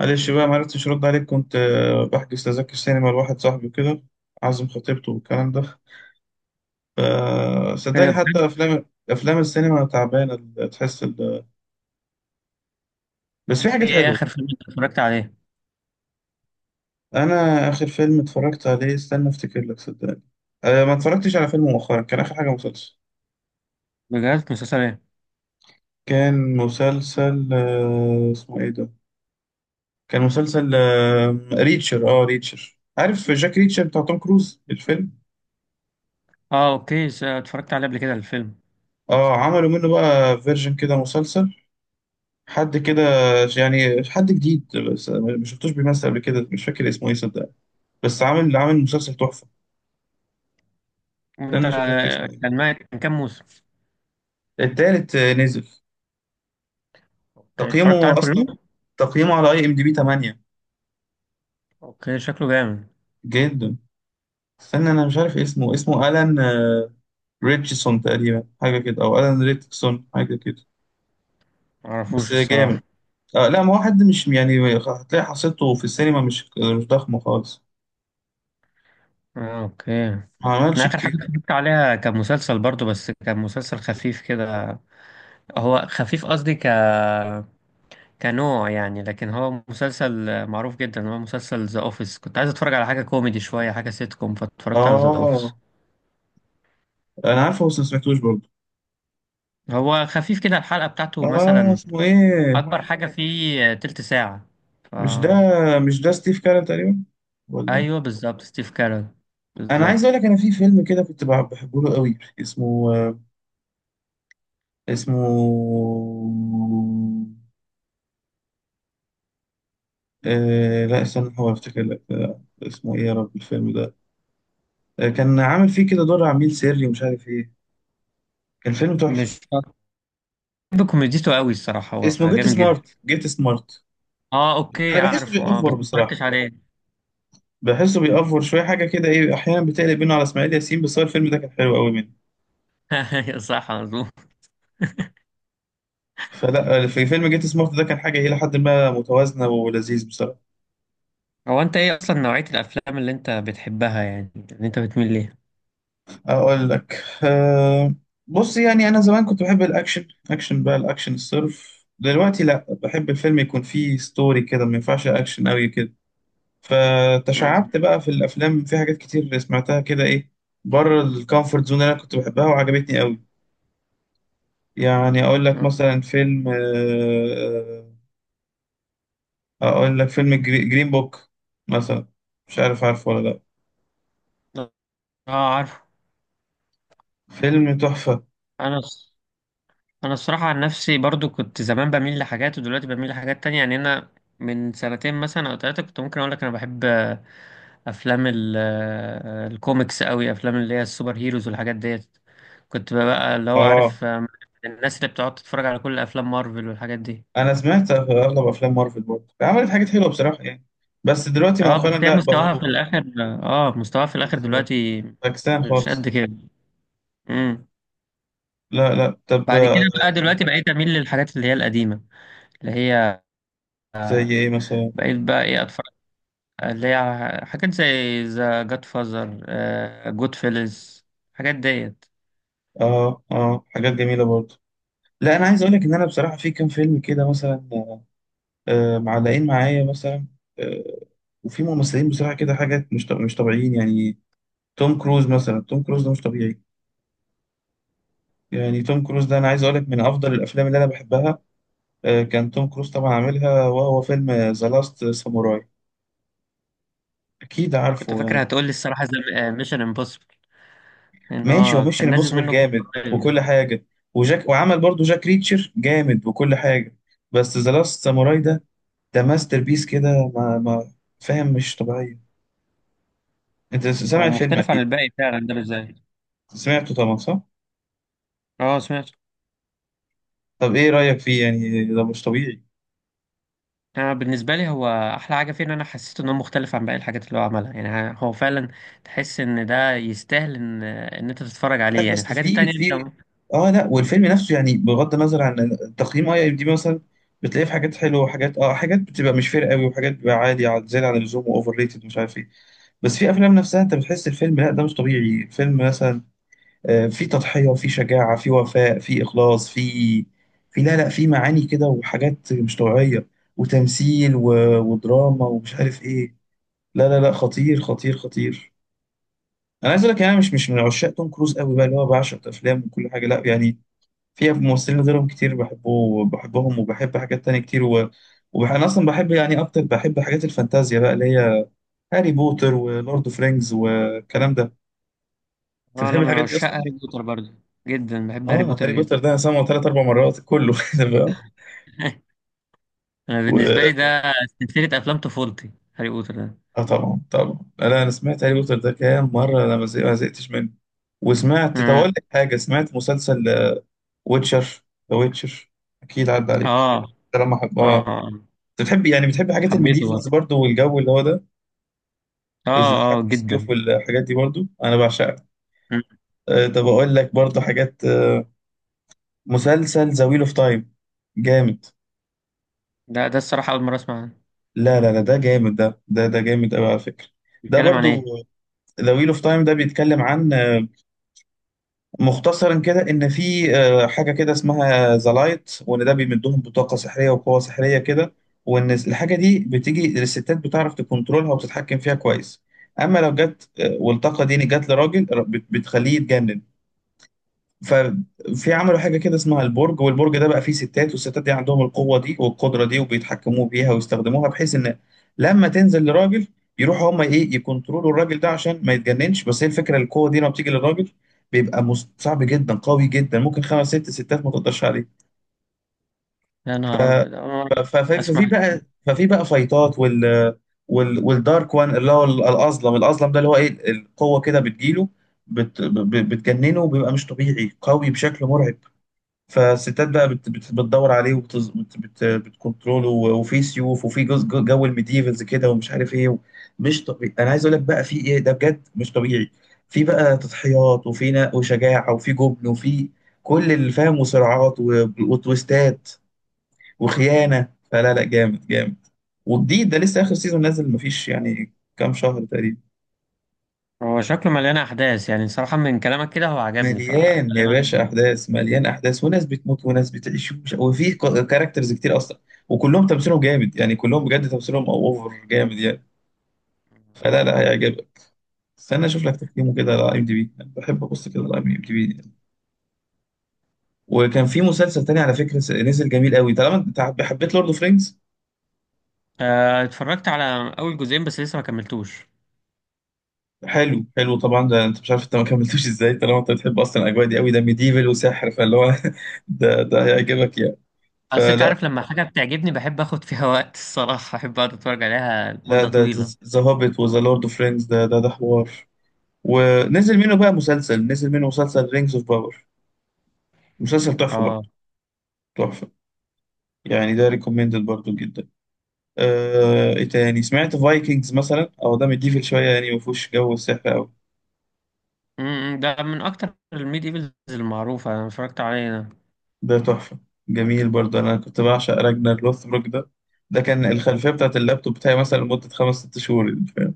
معلش بقى معرفتش ارد عليك كنت بحجز تذاكر سينما لواحد صاحبي وكده. عازم خطيبته والكلام ده. إيه فصدقني ده حتى بجد؟ افلام السينما تعبانه تحس بس في حاجات ايه، حلوه. اتفرجت عليه؟ انا اخر فيلم اتفرجت عليه استنى افتكر لك صدقني. ما اتفرجتش على فيلم مؤخرا، كان اخر حاجه مسلسل. بجد؟ مسلسل ايه؟ كان مسلسل اسمه ايه ده. كان مسلسل ريتشر، عارف جاك ريتشر بتاع توم كروز الفيلم. اه، اوكي. اتفرجت عليه قبل كده الفيلم. اه عملوا منه بقى فيرجن كده مسلسل. حد كده، يعني حد جديد، بس ما شفتوش بيمثل قبل كده، مش فاكر اسمه ايه صدق. بس عامل مسلسل تحفه. انت، استنى اشوف لك اسمه كان ايه. ما كان كام موسم؟ التالت نزل. اوكي، اتفرجت تقييمه عليهم اصلا، كلهم. تقييمه على اي ام دي بي 8. اوكي، شكله جامد. جدا. استنى انا مش عارف اسمه الان. ريتشسون تقريبا حاجه كده، او الان ريتشسون حاجه كده. بس معرفوش جامد. الصراحة. آه لا، ما هو حد مش يعني، هتلاقي حصيلته في السينما مش، مش ضخمه خالص. آه، اوكي. ما انا عملش اخر حاجة كتير. اتفرجت عليها كان مسلسل برضو، بس كان مسلسل خفيف كده. هو خفيف، قصدي كنوع يعني، لكن هو مسلسل معروف جدا، هو مسلسل ذا اوفيس. كنت عايز اتفرج على حاجة كوميدي شوية، حاجة سيت كوم، فاتفرجت على ذا اوفيس. اه انا عارفه بس ما سمعتوش برضه. هو خفيف كده، الحلقة بتاعته اه مثلا اسمه ايه؟ اكبر حاجه فيه تلت ساعه. ف... مش ده، مش ده ستيف كارل تقريبا؟ ولا؟ ايوه، بالظبط ستيف كارل، انا عايز اقول بالظبط. لك، انا في فيلم كده كنت بحبه له قوي، اسمه، اسمه، آه لا استنى هو افتكر لك، اسمه ايه يا رب الفيلم ده. كان عامل فيه كده دور عميل سري ومش عارف ايه. كان فيلم تحفة. مش بحب كوميديته قوي الصراحه، هو اسمه جيت جامد جدا. سمارت، جيت سمارت. اه، اوكي، انا بحسه عارفه، اه بيأفور بس ما بصراحة، اتفرجتش عليه. بحسه بيأفور شوية، حاجة كده ايه احيانا بتقلب بينه على اسماعيل ياسين، بس هو الفيلم ده كان حلو قوي منه. أيوة، صح، مظبوط. فلا، في فيلم جيت سمارت ده كان حاجة الى حد ما متوازنة ولذيذ بصراحة. هو انت ايه اصلا نوعيه الافلام اللي انت بتحبها، يعني اللي انت بتميل ليها؟ اقول لك أه، بص يعني انا زمان كنت بحب الاكشن بقى، الاكشن الصرف، دلوقتي لا، بحب الفيلم يكون فيه ستوري كده، ما ينفعش اكشن قوي كده. مم. فتشعبت بقى في الافلام، في حاجات كتير سمعتها كده ايه، بره الكومفورت زون اللي انا كنت بحبها وعجبتني قوي. يعني اقول لك مثلا فيلم اقول لك فيلم جرين بوك مثلا. مش عارف، عارفه ولا لا؟ اه، عارف. فيلم تحفة. انا الص- انا الصراحه عن نفسي برضو، كنت زمان بميل لحاجات ودلوقتي بميل لحاجات تانية، يعني انا من سنتين مثلا او ثلاثه كنت ممكن اقول لك انا بحب افلام الكوميكس قوي، افلام اللي هي السوبر هيروز والحاجات ديت. كنت بقى اللي هو اه عارف، الناس اللي بتقعد تتفرج على كل افلام مارفل والحاجات دي. انا سمعت اغلب افلام مارفل برضه، عملت حاجات حلوه بصراحه يعني، بس دلوقتي اه مؤخرا بس هي لا، مستواها بقوا في الاخر، اه مستواها في الاخر بالظبط دلوقتي، باكستان مش قد خالص. كده. امم لا لا، طب بعد كده بقى دلوقتي بقيت اميل للحاجات اللي هي القديمه، اللي هي زي ايه مثلا؟ بقيت بقى ايه، اتفرج، اللي هي حاجات زي ذا جاد فازر، جود فيلز، الحاجات ديت. اه اه، حاجات جميله برضه. لا انا عايز اقول لك ان انا بصراحه في كام فيلم كده مثلا، معلقين معايا مثلا. آه، وفي ممثلين بصراحه كده، حاجات مش طبيعيين يعني. توم كروز مثلا، توم كروز ده مش طبيعي. يعني توم كروز ده انا عايز اقول لك من افضل الافلام اللي انا بحبها، كان توم كروز طبعا عاملها، وهو فيلم ذا لاست ساموراي، اكيد انا كنت عارفه فاكر يعني. هتقول لي الصراحه زي ميشن امبوسيبل، ان ماشي، هو هو ميشن كان نازل امبوسيبل منه جزء جامد قريب وكل يعني. حاجه، وجاك وعمل برضو جاك ريتشر جامد وكل حاجه، بس ذا لاست ساموراي ده، ده ماستر بيس كده ما فاهم، مش طبيعيه. انت سامع هو الفيلم مختلف عن اكيد؟ الباقي فعلا، ده بالذات. سمعته طبعا صح؟ اه، سمعت. طب ايه رايك فيه؟ يعني ده مش طبيعي. انا بالنسبه لي هو احلى حاجه فيه ان انا حسيت ان هو مختلف عن باقي الحاجات اللي هو عملها، يعني هو فعلا تحس ان ده يستاهل ان انت تتفرج لا عليه، يعني بس الحاجات في التانية انت في اه. اه لا، والفيلم نفسه يعني بغض النظر عن تقييم اي ام دي بي مثلا، بتلاقيه في حاجات حلوه، وحاجات اه حاجات بتبقى مش فارقه قوي، وحاجات بتبقى عادي زياده عن اللزوم واوفر ريتد مش عارف ايه. بس في افلام نفسها انت بتحس الفيلم لا ده مش طبيعي فيلم، مثلا في تضحية وفي شجاعة، في وفاء، في اخلاص، في، في، لا لا، في معاني كده وحاجات مش طبيعية، وتمثيل، ودراما ومش عارف ايه. لا لا لا، خطير خطير خطير. انا عايز اقول لك، يعني انا مش من عشاق توم كروز قوي بقى، اللي هو بعشق افلامه وكل حاجة، لا يعني. في ممثلين غيرهم كتير بحبهم، وبحب حاجات تانية كتير، انا اصلا بحب، يعني اكتر بحب حاجات الفانتازيا بقى، اللي هي هاري بوتر ولورد اوف رينجز والكلام ده. انت بتحب انا من الحاجات دي عشاق هاري اصلا؟ بوتر برضه، جدا بحب هاري اه، بوتر هاري جدا. بوتر ده انا سامعه ثلاث اربع مرات كله فاهم؟ انا بالنسبه و... لي، ده سلسله افلام طفولتي، هاري بوتر ده. اه طبعا طبعا، انا سمعت هاري بوتر ده كام مره، انا ما زهقتش منه. وسمعت، طب اقول امم. لك حاجه، سمعت مسلسل ويتشر، ذا ويتشر، اكيد عدى اه، عليك. ده لما حب اه، اه. آه. انت بتحب يعني بتحب حاجات حبيته الميديفلز برضه، برضو والجو اللي هو ده. اه اه حاجات السيوف جدا. والحاجات دي برضو انا بعشقها. مم. طب اقول لك برضو حاجات، مسلسل ذا ويل اوف تايم، جامد. ده الصراحه اول مره اسمع عنه. لا لا لا ده جامد، ده جامد قوي على فكرة. ده بيتكلم عن برضو، ايه؟ ذا ويل اوف تايم ده بيتكلم عن، مختصرا كده، ان في حاجة كده اسمها ذا لايت وان، ده بيمدهم بطاقة سحرية وقوة سحرية كده، وان الحاجة دي بتيجي الستات بتعرف تكنترولها وتتحكم فيها كويس. اما لو جت والطاقة دي جت لراجل بتخليه يتجنن. ففي عملوا حاجة كده اسمها البرج، والبرج ده بقى فيه ستات، والستات دي عندهم القوة دي والقدرة دي، وبيتحكموا بيها ويستخدموها، بحيث إن لما تنزل لراجل يروحوا هما إيه يكونترولوا الراجل ده عشان ما يتجننش، بس هي الفكرة القوة دي لما بتيجي للراجل بيبقى صعب جدا قوي جدا، ممكن خمس ست ستات ما تقدرش عليه. يا نهار أبيض، أنا ففي أسمع. بقى، فايتات، والدارك وان، اللي هو الأظلم ده اللي هو إيه، القوة كده بتجيله، بتجننه، وبيبقى مش طبيعي قوي بشكل مرعب. فالستات بقى بت بت بتدور عليه، وبتز، بت بت بتكنترول. وفي سيوف، وفي جو الميديفلز كده ومش عارف ايه. مش طبيعي، انا عايز اقول لك بقى، في ايه ده بجد مش طبيعي. في بقى تضحيات، وفي وشجاعه، وفي جبن، وفي كل اللي فاهم، وصراعات وتويستات وخيانه. فلا لا، جامد جامد. وجديد، ده لسه اخر سيزون نازل مفيش يعني كام شهر تقريبا. هو شكله مليان أحداث، يعني صراحة من كلامك كده هو عجبني مليان يا باشا فغالبا. احداث، مليان احداث، وناس بتموت وناس بتعيش وفي كاركترز كتير اصلا، وكلهم تمثيلهم جامد، يعني كلهم بجد تمثيلهم اوفر جامد يعني. فلا لا، هيعجبك. استنى اشوف لك تقييمه كده على اي ام دي بي، بحب ابص كده على اي ام دي بي. وكان في مسلسل تاني على فكره، نزل جميل قوي، طالما انت حبيت لورد اوف رينجز. اتفرجت على أول جزئين بس لسه ما كملتوش. حلو حلو طبعا، ده انت مش عارف انت ما كملتوش ازاي، طالما انت بتحب اصلا الاجواء دي قوي، ده ميديفل وسحر فاللي هو ده هيعجبك يعني. أصل أنت فلا، عارف، لما حاجة بتعجبني بحب آخد فيها وقت الصراحة، أحب أقعد أتفرج عليها لا لمدة ده طويلة. ذا هوبيت وذا لورد اوف رينجز ده حوار. ونزل منه بقى مسلسل نزل منه مسلسل رينجز اوف باور، مسلسل تحفة برضه، أه. تحفة. يعني ده ريكومندد برضه جدا. ايه تاني، سمعت فايكنجز مثلا؟ او ده مديفل شوية، يعني ما فيهوش جو السحر قوي. ده من أكتر الميد إيفلز المعروفة، أنا اتفرجت عليه ده. ده تحفة. جميل برضه، انا كنت بعشق راجنر لوثبروك ده، ده كان الخلفية بتاعت اللابتوب بتاعي مثلا أمم. لمدة خمس ست شهور يعني، فاهم؟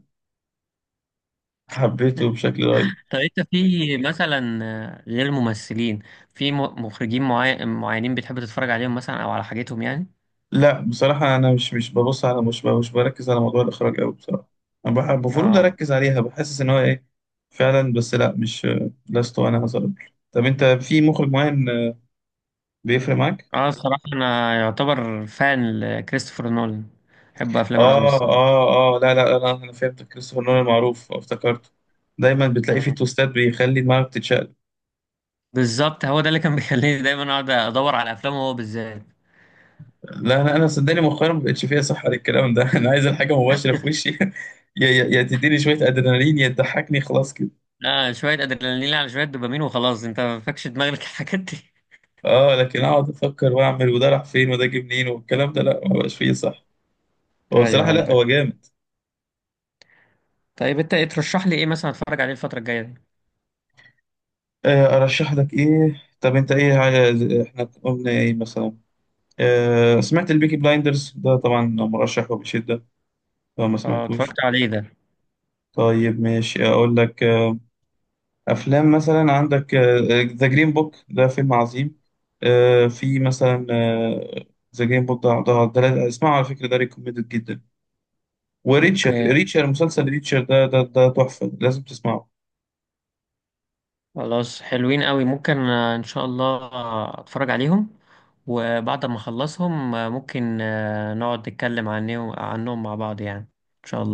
حبيته بشكل رهيب. طب أنت في مثلا غير ممثلين، في م- مخرجين معينين بتحب تتفرج عليهم مثلا أو على حاجتهم يعني؟ لا بصراحة، أنا مش مش ببص على، مش مش بركز على موضوع الإخراج أوي بصراحة. أنا المفروض اه. أركز عليها، بحسس إن هو إيه فعلا، بس لا، مش، لست أنا هظلم. طب أنت في مخرج معين بيفرق معاك؟ اه، الصراحة أنا يعتبر فان لكريستوفر نولان، بحب أفلامه أوي الصراحة. لا لا، أنا فهمت، كريستوفر نولان معروف افتكرته. دايما بتلاقي فيه مم. توستات بيخلي دماغك تتشقلب. بالظبط، هو ده اللي كان بيخليني دايما أقعد أدور على أفلامه هو بالذات. لا، أنا صدقني مؤخرا ما بقتش فيها صحة للكلام ده أنا عايز الحاجة مباشرة في وشي يا تديني شوية أدرينالين، يا تضحكني خلاص كده. آه، شوية أدرينالين على شوية دوبامين، وخلاص أنت ما فاكش دماغك الحاجات دي. اه، لكن اقعد افكر واعمل وده راح فين وده جه منين والكلام ده، لا ما بقاش فيه صح. هو أيوه، بصراحه، لا هو عندك. جامد. طيب أنت إيه ترشح لي، إيه مثلا أتفرج عليه الفترة الجاية دي؟ ارشح لك ايه؟ طب انت ايه عايز؟ احنا قلنا ايه مثلا؟ سمعت البيكي بلايندرز ده طبعا؟ مرشح وبشده، لو ما اه، اتفرجت سمعتوش. عليه ده. طيب ماشي اقول لك، افلام مثلا عندك ذا جرين بوك، ده فيلم عظيم. في مثلا ذا جرين بوك اسمعه على فكره، ده ريكومندد جدا. وريتشر أوكي. ريتشر مسلسل ريتشر ده تحفة لازم تسمعه. خلاص، حلوين أوي، ممكن إن شاء الله أتفرج عليهم، وبعد ما أخلصهم ممكن نقعد نتكلم عنهم مع بعض يعني، إن شاء الله.